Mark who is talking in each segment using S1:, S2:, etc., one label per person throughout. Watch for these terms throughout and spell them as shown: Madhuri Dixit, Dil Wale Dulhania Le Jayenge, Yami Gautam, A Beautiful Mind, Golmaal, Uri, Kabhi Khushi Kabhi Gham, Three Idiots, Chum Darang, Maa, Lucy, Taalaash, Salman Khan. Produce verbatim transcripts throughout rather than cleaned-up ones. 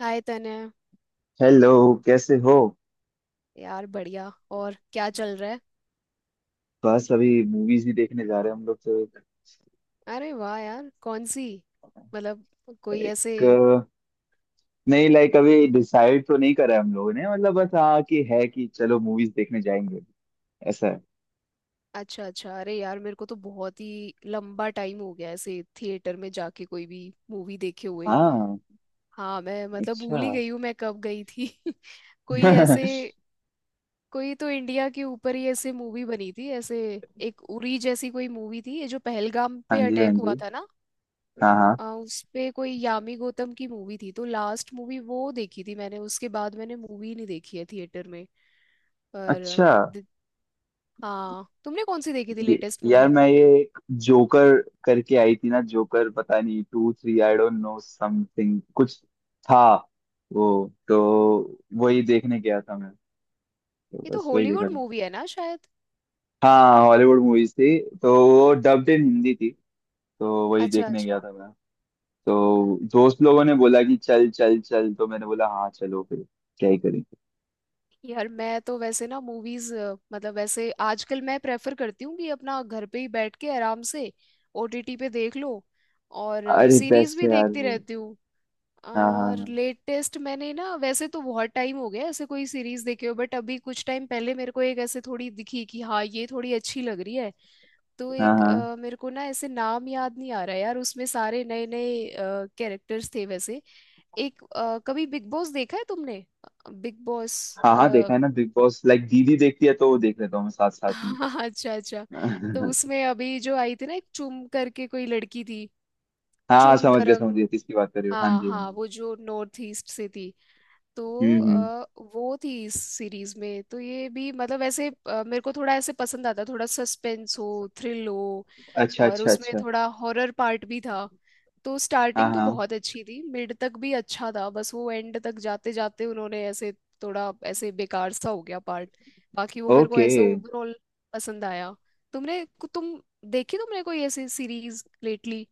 S1: हाय तने।
S2: हेलो। कैसे हो?
S1: यार बढ़िया। और क्या चल रहा है?
S2: बस अभी मूवीज भी देखने जा रहे हैं हम लोग तो।
S1: अरे वाह यार! कौन सी? मतलब कोई ऐसे।
S2: एक अ, नहीं लाइक अभी डिसाइड तो नहीं करा है हम लोगों ने, मतलब बस हाँ कि है कि चलो मूवीज देखने जाएंगे ऐसा है।
S1: अच्छा अच्छा। अरे यार, मेरे को तो बहुत ही लंबा टाइम हो गया ऐसे थिएटर में जाके कोई भी मूवी देखे हुए।
S2: हाँ।
S1: हाँ, मैं मतलब
S2: अच्छा।
S1: भूल ही गई हूँ मैं कब गई थी। कोई
S2: हाँ
S1: ऐसे। कोई तो इंडिया के ऊपर ही ऐसे मूवी बनी थी ऐसे। एक उरी जैसी कोई मूवी थी, ये जो पहलगाम
S2: जी
S1: पे
S2: हाँ
S1: अटैक हुआ
S2: जी।
S1: था ना।
S2: हाँ हाँ।
S1: अ, उस पे कोई यामी गौतम की मूवी थी। तो लास्ट मूवी वो देखी थी मैंने, उसके बाद मैंने मूवी नहीं देखी है थिएटर में। पर
S2: अच्छा।
S1: दि- हाँ, तुमने कौन सी देखी थी
S2: ये
S1: लेटेस्ट
S2: यार
S1: मूवी?
S2: मैं ये एक जोकर करके आई थी ना, जोकर। पता नहीं two three, I don't know something कुछ था वो। तो वही देखने गया था मैं, तो
S1: ये तो
S2: बस वही देखा।
S1: हॉलीवुड मूवी है ना, शायद।
S2: हाँ हॉलीवुड मूवीज थी तो वो डब्ड इन हिंदी थी, तो वही
S1: अच्छा
S2: देखने गया
S1: अच्छा।
S2: था मैं। तो दोस्त लोगों ने बोला कि चल चल चल, तो मैंने बोला हाँ चलो फिर, क्या ही करेंगे।
S1: यार मैं तो वैसे ना मूवीज, मतलब वैसे आजकल मैं प्रेफर करती हूँ कि अपना घर पे ही बैठ के आराम से ओ टी टी पे देख लो। और
S2: अरे
S1: सीरीज
S2: बेस्ट
S1: भी
S2: है यार
S1: देखती
S2: वो।
S1: रहती हूँ।
S2: हाँ
S1: और
S2: हाँ
S1: लेटेस्ट मैंने ना, वैसे तो बहुत टाइम हो गया ऐसे कोई सीरीज देखे हो, बट अभी कुछ टाइम पहले मेरे को एक ऐसे थोड़ी दिखी कि हाँ ये थोड़ी अच्छी लग रही है। तो
S2: हाँ
S1: एक
S2: हाँ
S1: अ, मेरे को ना ऐसे नाम याद नहीं आ रहा यार, उसमें सारे नए नए कैरेक्टर्स थे वैसे। एक अ, कभी बिग बॉस देखा है तुमने? बिग बॉस,
S2: हाँ हाँ हाँ, देखा
S1: हाँ।
S2: है ना बिग बॉस। लाइक दीदी देखती है तो वो देख लेता हूँ मैं साथ साथ
S1: अच्छा अच्छा। तो
S2: में।
S1: उसमें अभी जो आई थी ना, एक चुम करके कोई लड़की थी,
S2: हाँ
S1: चुम
S2: समझ गया समझ
S1: दरंग।
S2: गया, किसकी बात कर रहे हो। हाँ
S1: हाँ
S2: जी हाँ
S1: हाँ,
S2: जी।
S1: वो जो नॉर्थ ईस्ट से थी। तो
S2: हम्म हम्म।
S1: अ, वो थी इस सीरीज में। तो ये भी मतलब ऐसे अ, मेरे को थोड़ा ऐसे पसंद आता, थोड़ा सस्पेंस हो, थ्रिल हो,
S2: अच्छा
S1: और
S2: अच्छा
S1: उसमें
S2: अच्छा।
S1: थोड़ा हॉरर पार्ट भी था। तो
S2: हाँ
S1: स्टार्टिंग तो
S2: हाँ।
S1: बहुत अच्छी थी, मिड तक भी अच्छा था, बस वो एंड तक जाते जाते उन्होंने ऐसे थोड़ा ऐसे बेकार सा हो गया पार्ट। बाकी वो मेरे को
S2: ओके।
S1: ऐसे ओवरऑल पसंद आया। तुमने तुम देखी तुमने कोई ऐसी सीरीज लेटली?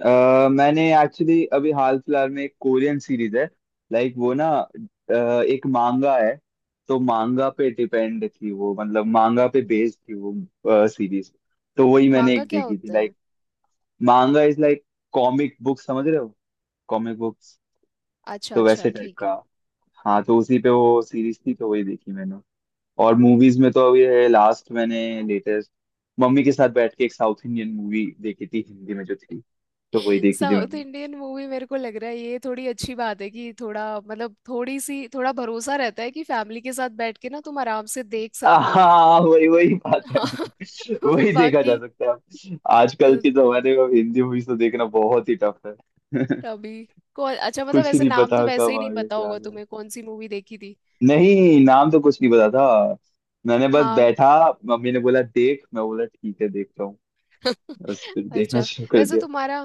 S2: अ, मैंने एक्चुअली अभी हाल फिलहाल में एक कोरियन सीरीज है। लाइक वो ना अ, एक मांगा है, तो मांगा पे डिपेंड थी वो, मतलब मांगा पे बेस्ड थी वो सीरीज। तो वही मैंने
S1: मांगा
S2: एक
S1: क्या
S2: देखी थी
S1: होता है?
S2: Like. Manga is like comic book, समझ रहे हो? कॉमिक बुक्स,
S1: अच्छा
S2: तो
S1: अच्छा,
S2: वैसे टाइप
S1: ठीक
S2: का।
S1: है।
S2: हाँ तो उसी पे वो सीरीज थी, तो वही देखी मैंने। और मूवीज में तो अभी है लास्ट मैंने लेटेस्ट मम्मी के साथ बैठ के एक साउथ इंडियन मूवी देखी थी हिंदी में जो थी, तो वही देखी थी
S1: साउथ
S2: मैंने।
S1: इंडियन मूवी मेरे को लग रहा है ये थोड़ी अच्छी बात है कि थोड़ा मतलब थोड़ी सी, थोड़ा भरोसा रहता है कि फैमिली के साथ बैठ के ना तुम आराम से देख सकते हो।
S2: हाँ वही वही बात है,
S1: हाँ।
S2: नहीं वही देखा जा
S1: बाकी
S2: सकता है आजकल
S1: तो
S2: के जमाने में, हिंदी मूवीज तो देखना बहुत ही टफ है।
S1: तभी को अच्छा, मतलब
S2: कुछ ही
S1: ऐसे
S2: नहीं
S1: नाम तो
S2: पता
S1: वैसे
S2: कब
S1: ही
S2: आ
S1: नहीं
S2: गया
S1: पता
S2: क्या आ
S1: होगा
S2: गया,
S1: तुम्हें कौन सी मूवी देखी थी।
S2: नहीं नाम तो कुछ नहीं पता था। मैंने बस
S1: हाँ।
S2: बैठा, मम्मी ने बोला देख, मैं बोला ठीक है देखता हूँ, बस फिर देखना
S1: अच्छा,
S2: शुरू कर
S1: वैसे
S2: दिया।
S1: तुम्हारा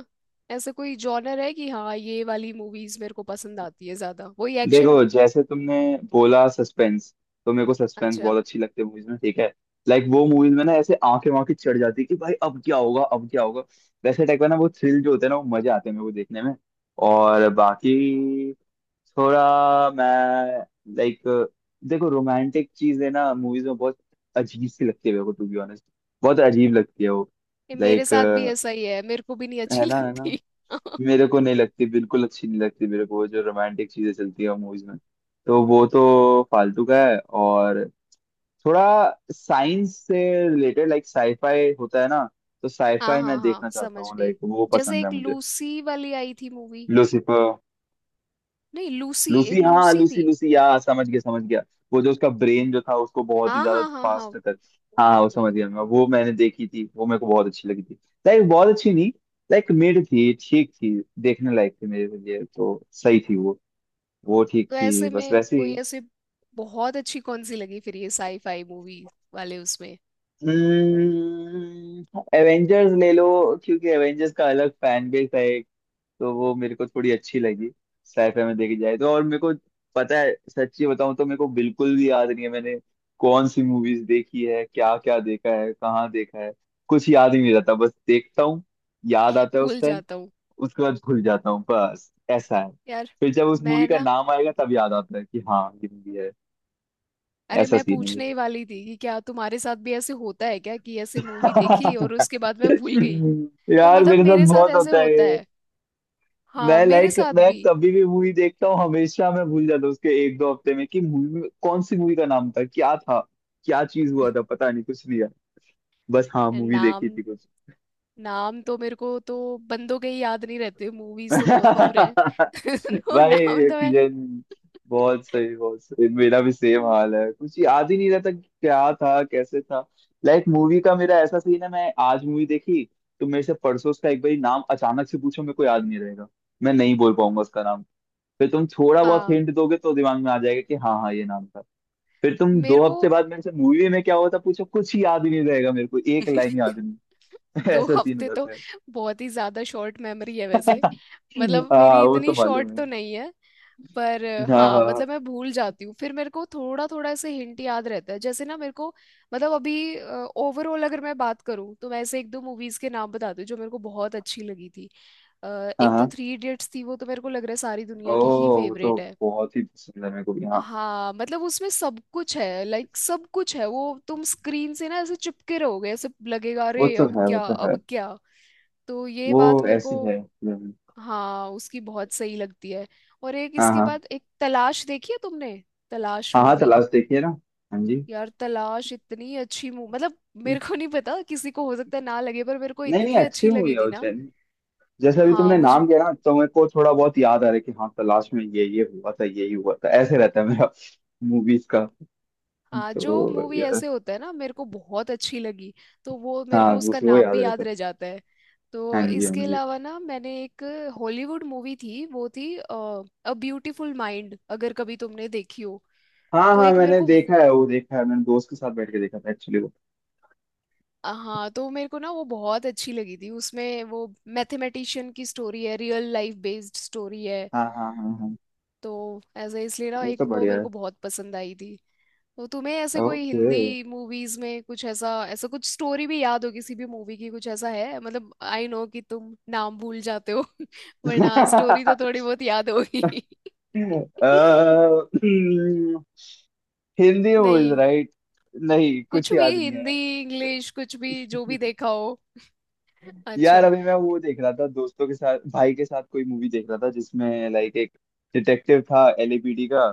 S1: ऐसे कोई जॉनर है कि हाँ ये वाली मूवीज मेरे को पसंद आती है ज्यादा, वही एक्शन?
S2: देखो जैसे तुमने बोला सस्पेंस, तो मेरे को सस्पेंस
S1: अच्छा,
S2: बहुत अच्छी लगती है मूवीज में, ठीक है। लाइक वो मूवीज में ना ऐसे आंखें वाँखें चढ़ जाती है कि भाई अब क्या होगा अब क्या होगा, वैसे टाइप का ना वो थ्रिल जो होता है ना, वो मजे आते हैं मेरे को देखने में। और बाकी थोड़ा मैं लाइक, देखो रोमांटिक चीजें ना मूवीज में बहुत अजीब सी लगती है मेरे को, टू बी ऑनेस्ट बहुत अजीब लगती है वो।
S1: ये मेरे
S2: लाइक है
S1: साथ भी ऐसा ही है, मेरे को भी नहीं अच्छी
S2: ना? है ना?
S1: लगती।
S2: मेरे को नहीं लगती, बिल्कुल अच्छी नहीं लगती मेरे को वो जो रोमांटिक चीजें चलती है मूवीज में, तो वो तो फालतू का है। और थोड़ा साइंस से रिलेटेड लाइक साईफाई होता है ना, तो
S1: हाँ
S2: साईफाई
S1: हाँ
S2: मैं
S1: हाँ,
S2: देखना चाहता
S1: समझ
S2: हूँ,
S1: गई।
S2: लाइक वो
S1: जैसे
S2: पसंद है
S1: एक
S2: मुझे।
S1: लूसी वाली आई थी मूवी।
S2: लूसीफर?
S1: नहीं, लूसी,
S2: लूसी,
S1: एक
S2: हाँ
S1: लूसी
S2: लूसी
S1: थी।
S2: लूसी, या समझ गया समझ गया। वो जो उसका ब्रेन जो था उसको बहुत ही
S1: हाँ
S2: ज्यादा
S1: हाँ हाँ हाँ,
S2: फास्ट तक, हाँ हाँ, वो
S1: वही।
S2: समझ गया मैं, वो मैंने देखी थी, वो मेरे को बहुत अच्छी लगी थी। लाइक बहुत अच्छी नहीं, लाइक मिड थी, ठीक थी, देखने लायक थी, मेरे लिए तो सही थी वो। वो ठीक
S1: तो
S2: थी
S1: ऐसे
S2: बस
S1: में
S2: वैसे
S1: कोई
S2: ही।
S1: ऐसे बहुत अच्छी कौन सी लगी फिर ये साईफाई मूवी वाले उसमें?
S2: एवेंजर्स ले लो, क्योंकि एवेंजर्स का अलग फैन बेस है एक, तो वो मेरे को थोड़ी अच्छी लगी साइफाई में देखी जाए तो। और मेरे को पता है, सच्ची बताऊं तो मेरे को बिल्कुल भी याद नहीं है मैंने कौन सी मूवीज देखी है क्या क्या देखा है कहाँ देखा है, कुछ याद ही नहीं रहता, बस देखता हूँ, याद आता है उस
S1: भूल
S2: टाइम,
S1: जाता हूँ
S2: उसके बाद भूल जाता हूँ, बस ऐसा है।
S1: यार
S2: फिर जब उस मूवी
S1: मैं
S2: का
S1: ना।
S2: नाम आएगा तब याद आता है कि हाँ ये मूवी है।
S1: अरे
S2: ऐसा
S1: मैं
S2: सीन है
S1: पूछने ही वाली थी कि क्या तुम्हारे साथ भी ऐसे होता है क्या, कि
S2: ये।
S1: ऐसे मूवी देखी और उसके बाद मैं भूल गई। तो
S2: यार
S1: मतलब
S2: मेरे साथ
S1: मेरे साथ
S2: बहुत
S1: ऐसे
S2: होता है
S1: होता
S2: ये।
S1: है। हाँ
S2: मैं
S1: मेरे
S2: लाइक,
S1: साथ
S2: मैं
S1: भी।
S2: कभी भी मूवी देखता हूँ हमेशा मैं भूल जाता हूँ उसके एक दो हफ्ते में कि मूवी में कौन सी मूवी का नाम था क्या था क्या चीज हुआ था पता नहीं कुछ नहीं यार, बस हाँ मूवी देखी
S1: नाम,
S2: थी।
S1: नाम तो मेरे को तो बंदों के ही याद नहीं रहते, मूवीज तो बहुत दूर है। तो नाम
S2: भाई
S1: तो मैं,
S2: किशन। बहुत सही बहुत सही, मेरा भी सेम हाल है, कुछ याद ही नहीं रहता कि क्या था कैसे था। लाइक मूवी का मेरा ऐसा सीन है, मैं आज मूवी देखी तो मेरे से परसों उसका एक बार नाम अचानक से पूछो, मेरे को याद नहीं रहेगा, मैं नहीं बोल पाऊंगा उसका नाम। फिर तुम थोड़ा बहुत
S1: हाँ
S2: हिंट दोगे तो दिमाग में आ जाएगा कि हाँ हाँ ये नाम था। फिर तुम
S1: मेरे
S2: दो
S1: को।
S2: हफ्ते बाद मेरे से मूवी में क्या हुआ था पूछो, कुछ ही याद ही नहीं रहेगा मेरे को, एक लाइन याद नहीं।
S1: दो
S2: ऐसा सीन हो
S1: हफ्ते तो,
S2: जाता है।
S1: बहुत ही ज्यादा शॉर्ट मेमोरी है वैसे। मतलब
S2: हाँ
S1: मेरी
S2: वो तो
S1: इतनी
S2: मालूम
S1: शॉर्ट
S2: है।
S1: तो नहीं है। पर अ,
S2: हाँ हाँ
S1: हाँ
S2: हाँ।
S1: मतलब मैं भूल जाती हूँ, फिर मेरे को थोड़ा थोड़ा ऐसे हिंट याद रहता है जैसे ना मेरे को। मतलब अभी ओवरऑल अगर मैं बात करूँ, तो मैं ऐसे एक दो मूवीज के नाम बताती हूँ जो मेरे को बहुत अच्छी लगी थी। अ,
S2: हाँ
S1: एक तो
S2: हाँ।
S1: थ्री इडियट्स थी, वो तो मेरे को लग रहा है सारी दुनिया
S2: ओह
S1: की ही
S2: वो तो
S1: फेवरेट है।
S2: बहुत ही पसंद है मेरे को भी, हाँ।
S1: हाँ मतलब उसमें सब कुछ है, लाइक सब कुछ है। वो तुम स्क्रीन से ना ऐसे चिपके रहोगे, ऐसे लगेगा
S2: वो
S1: अरे
S2: तो
S1: अब
S2: है वो
S1: क्या
S2: तो है।
S1: अब क्या। तो ये बात
S2: वो
S1: मेरे को,
S2: ऐसी है हम्म।
S1: हाँ उसकी बहुत सही लगती है। और एक
S2: हाँ
S1: इसके
S2: हाँ
S1: बाद, एक तलाश देखी है तुमने? तलाश
S2: हाँ हाँ,
S1: मूवी।
S2: तलाश देखिए ना। हाँ जी।
S1: यार तलाश इतनी अच्छी मूवी मतलब, मेरे को नहीं पता किसी को हो सकता है ना लगे, पर मेरे को
S2: नहीं नहीं
S1: इतनी
S2: अच्छी
S1: अच्छी
S2: हुई
S1: लगी
S2: है
S1: थी
S2: वो
S1: ना।
S2: चैनल, जैसे अभी
S1: हाँ
S2: तुमने
S1: मुझे
S2: नाम किया ना तो मेरे को थोड़ा बहुत याद आ रहा है कि हाँ तलाश में ये ये हुआ था, ये ही हुआ था, ऐसे रहता है मेरा मूवीज का।
S1: आ, जो
S2: तो
S1: मूवी
S2: ये-
S1: ऐसे होता है ना मेरे को बहुत अच्छी लगी, तो वो मेरे
S2: हाँ
S1: को उसका
S2: उसमें वो
S1: नाम
S2: याद
S1: भी
S2: रहता
S1: याद
S2: है।
S1: रह जाता है।
S2: हाँ
S1: तो
S2: जी हाँ
S1: इसके
S2: जी।
S1: अलावा ना मैंने एक हॉलीवुड मूवी थी, वो थी अ ब्यूटीफुल माइंड, अगर कभी तुमने देखी हो।
S2: हाँ
S1: तो
S2: हाँ
S1: एक मेरे
S2: मैंने
S1: को वो-
S2: देखा है, वो देखा है मैंने, दोस्त के साथ बैठ के देखा था एक्चुअली वो।
S1: हाँ, तो मेरे को ना वो बहुत अच्छी लगी थी, उसमें वो मैथमेटिशियन की स्टोरी है, रियल लाइफ बेस्ड स्टोरी है।
S2: हाँ हाँ हाँ हाँ।
S1: तो ऐसे इसलिए ना
S2: वो
S1: एक
S2: तो
S1: वो
S2: बढ़िया
S1: मेरे
S2: है।
S1: को बहुत पसंद आई थी। तो तुम्हें ऐसे कोई
S2: Okay.
S1: हिंदी मूवीज में कुछ ऐसा ऐसा कुछ स्टोरी भी याद हो किसी भी मूवी की? कुछ ऐसा है, मतलब आई नो कि तुम नाम भूल जाते हो। वरना स्टोरी
S2: uh,
S1: तो थोड़ी बहुत याद होगी।
S2: hmm, हिंदी मूवीज
S1: नहीं,
S2: राइट? नहीं कुछ
S1: कुछ भी
S2: याद नहीं
S1: हिंदी
S2: है।
S1: इंग्लिश कुछ भी जो भी देखा हो।
S2: यार
S1: अच्छा।
S2: अभी मैं वो देख रहा था दोस्तों के साथ, भाई के साथ कोई मूवी देख रहा था जिसमें लाइक एक डिटेक्टिव था एलएपीडी का,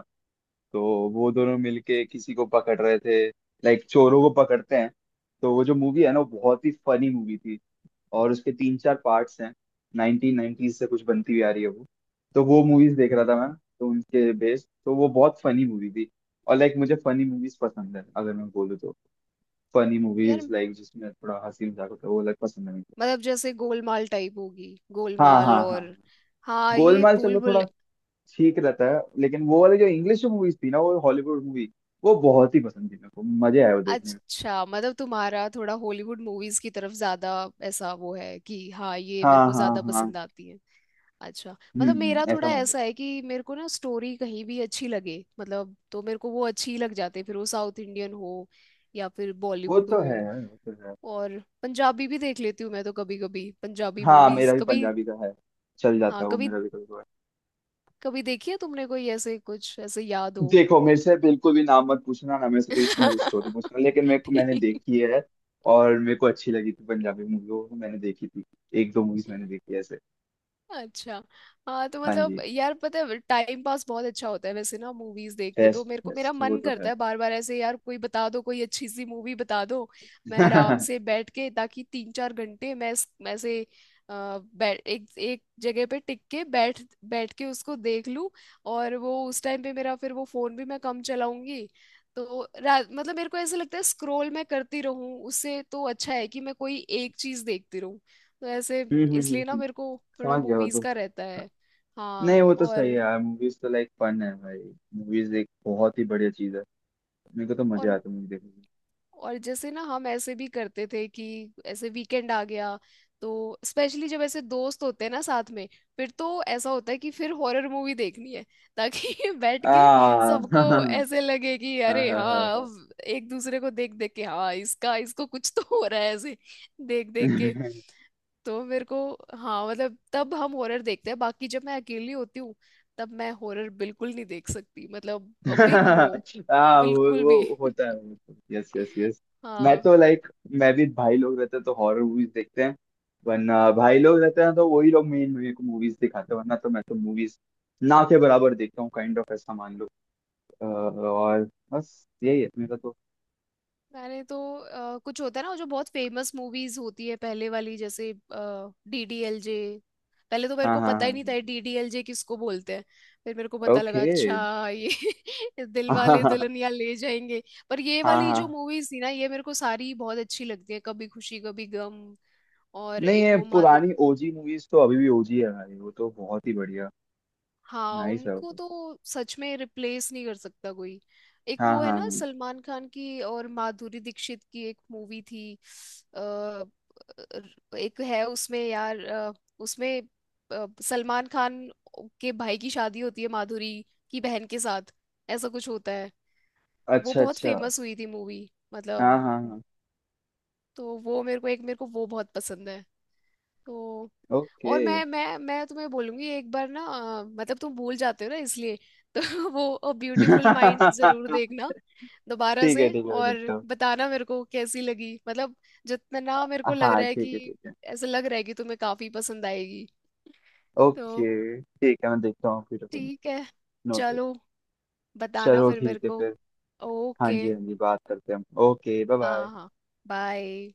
S2: तो वो दोनों मिलके किसी को पकड़ रहे थे, लाइक चोरों को पकड़ते हैं। तो वो जो मूवी है ना वो बहुत ही फनी मूवी थी, और उसके तीन चार पार्ट्स हैं, नाइनटीन नाइनटीज से कुछ बनती हुई आ रही है वो। तो वो मूवीज देख रहा था मैं, तो उनके बेस्ड तो वो बहुत फनी मूवी थी। और लाइक मुझे फनी मूवीज पसंद है अगर मैं बोलूँ तो, फनी
S1: यार
S2: मूवीज लाइक जिसमें थोड़ा हंसी मजाक होता है, वो अलग पसंद है मुझे।
S1: मतलब जैसे गोलमाल टाइप होगी,
S2: हाँ
S1: गोलमाल
S2: हाँ हाँ,
S1: और हाँ ये
S2: गोलमाल
S1: भूल
S2: चलो
S1: भुल।
S2: थोड़ा ठीक रहता है, लेकिन वो वाली जो इंग्लिश मूवीज थी ना, वो हॉलीवुड मूवी वो बहुत ही पसंद थी मेरे को, मजे आए वो देखने में।
S1: अच्छा मतलब तुम्हारा थोड़ा हॉलीवुड मूवीज की तरफ ज्यादा, ऐसा वो है कि हाँ ये मेरे
S2: हाँ
S1: को
S2: हाँ
S1: ज्यादा
S2: हाँ,
S1: पसंद आती है? अच्छा।
S2: हम्म
S1: मतलब मेरा
S2: हम्म, ऐसा
S1: थोड़ा
S2: मान लो।
S1: ऐसा है कि मेरे को ना स्टोरी कहीं भी अच्छी लगे मतलब, तो मेरे को वो अच्छी लग जाती है, फिर वो साउथ इंडियन हो या फिर
S2: वो
S1: बॉलीवुड
S2: तो
S1: हो।
S2: है वो तो है।
S1: और पंजाबी भी देख लेती हूँ मैं तो, कभी कभी पंजाबी
S2: हाँ
S1: मूवीज
S2: मेरा भी
S1: कभी।
S2: पंजाबी का है, चल जाता
S1: हाँ
S2: है वो
S1: कभी
S2: मेरा भी कभी कभार।
S1: कभी देखी है तुमने कोई ऐसे, कुछ ऐसे याद हो?
S2: देखो मेरे से बिल्कुल भी नाम मत पूछना ना, मेरे से कोई इसमें स्टोरी पूछना, लेकिन मेरे को मैंने
S1: ठीक,
S2: देखी है, और मेरे को अच्छी लगी थी पंजाबी मूवी, वो तो मैंने देखी थी। एक दो मूवीज मैंने देखी है ऐसे।
S1: अच्छा। हाँ तो
S2: हाँ
S1: मतलब
S2: जी।
S1: यार पता है टाइम पास बहुत अच्छा होता है वैसे ना मूवीज देख के, तो
S2: बेस्ट
S1: मेरे को मेरा
S2: बेस्ट वो
S1: मन
S2: तो
S1: करता
S2: है।
S1: है बार बार ऐसे, यार कोई बता दो कोई अच्छी सी मूवी बता दो। मैं आराम
S2: हम्म
S1: से बैठ के, ताकि तीन चार घंटे मैं इस- मैं ऐसे अ, बै- एक एक जगह पे टिक के बैठ बैठ के उसको देख लूं। और वो उस टाइम पे मेरा फिर वो फोन भी मैं कम चलाऊंगी। तो रा- मतलब मेरे को ऐसा लगता है स्क्रोल मैं करती रहूं उससे तो अच्छा है कि मैं कोई एक चीज देखती रहूं। तो ऐसे
S2: हम्म हम्म
S1: इसलिए ना
S2: हम्म।
S1: मेरे को थोड़ा
S2: समझ गया वो
S1: मूवीज
S2: तो।
S1: का रहता है। हाँ।
S2: नहीं वो तो सही है
S1: और
S2: यार, मूवीज तो लाइक फन है भाई, मूवीज एक बहुत ही बढ़िया चीज है, मेरे को तो मजे
S1: और
S2: आते हैं मूवी देखने में।
S1: और जैसे ना हम ऐसे भी करते थे कि ऐसे वीकेंड आ गया, तो स्पेशली जब ऐसे दोस्त होते हैं ना साथ में, फिर तो ऐसा होता है कि फिर हॉरर मूवी देखनी है। ताकि बैठ के
S2: आ।
S1: सबको
S2: हाँ
S1: ऐसे लगे कि
S2: हाँ
S1: अरे
S2: हाँ
S1: हाँ,
S2: हाँ।
S1: अब एक दूसरे को देख देख के, हाँ इसका इसको कुछ तो हो रहा है ऐसे देख देख के। तो मेरे को, हाँ मतलब तब हम हॉरर देखते हैं। बाकी जब मैं अकेली होती हूँ, तब मैं हॉरर बिल्कुल नहीं देख सकती मतलब, बिग नो,
S2: हाँ वो
S1: बिल्कुल भी।
S2: वो होता है वो। Yes yes yes. मैं
S1: हाँ।
S2: तो लाइक, मैं भी भाई लोग रहते हैं तो हॉरर मूवीज देखते हैं, वरना भाई लोग रहते हैं तो वही लोग मेन मेरे को मूवीज दिखाते हैं, वरना तो मैं तो मूवीज ना के बराबर देखता हूँ, काइंड ऑफ ऐसा मान लो। अ, और बस यही है मेरा तो।
S1: मैंने तो अ, कुछ होता है ना वो जो बहुत फेमस मूवीज होती है पहले वाली, जैसे डी डी एल जे। पहले तो मेरे
S2: हाँ
S1: को
S2: हाँ
S1: पता ही नहीं
S2: हाँ।
S1: था डी डी एल जे किसको बोलते हैं, फिर मेरे को पता लगा
S2: ओके।
S1: अच्छा ये दिल
S2: हाँ
S1: वाले
S2: Okay.
S1: दुल्हनिया ले जाएंगे। पर ये
S2: हाँ
S1: वाली जो
S2: हाँ।
S1: मूवीज थी ना ये मेरे को सारी बहुत अच्छी लगती है, कभी खुशी कभी गम और
S2: नहीं
S1: एक
S2: ये
S1: वो माँ।
S2: पुरानी ओजी मूवीज तो अभी भी ओजी है भाई, वो तो बहुत ही बढ़िया
S1: हाँ
S2: नाइस है वो
S1: उनको
S2: तो।
S1: तो सच में रिप्लेस नहीं कर सकता कोई। एक
S2: हाँ हाँ
S1: वो है ना
S2: हाँ।
S1: सलमान खान की और माधुरी दीक्षित की एक मूवी थी। अ, अ, एक है उसमें यार, अ, उसमें अ, सलमान खान के भाई की शादी होती है माधुरी की बहन के साथ, ऐसा कुछ होता है। वो
S2: अच्छा
S1: बहुत
S2: अच्छा।
S1: फेमस हुई थी मूवी
S2: हाँ
S1: मतलब,
S2: हाँ हाँ।
S1: तो वो मेरे को, एक मेरे को वो बहुत पसंद है। तो
S2: ओके
S1: और मैं मैं मैं तुम्हें बोलूंगी एक बार ना, अ, मतलब तुम भूल जाते हो ना इसलिए। तो वो ब्यूटीफुल माइंड
S2: ठीक
S1: जरूर देखना
S2: है
S1: दोबारा
S2: ठीक
S1: से,
S2: है मैं
S1: और
S2: देखता हूँ।
S1: बताना मेरे को कैसी लगी मतलब। जितना ना मेरे को लग
S2: हाँ
S1: रहा है
S2: ठीक है ठीक
S1: कि,
S2: है।
S1: ऐसा लग रहा है कि तुम्हें काफी पसंद आएगी। तो
S2: ओके ठीक है मैं देखता हूँ फिर।
S1: ठीक है,
S2: नोट।
S1: चलो बताना
S2: चलो
S1: फिर मेरे
S2: ठीक है
S1: को।
S2: फिर। हाँ
S1: ओके।
S2: जी हाँ जी बात करते हैं हम, ओके बाय
S1: हाँ
S2: बाय।
S1: हाँ, बाय।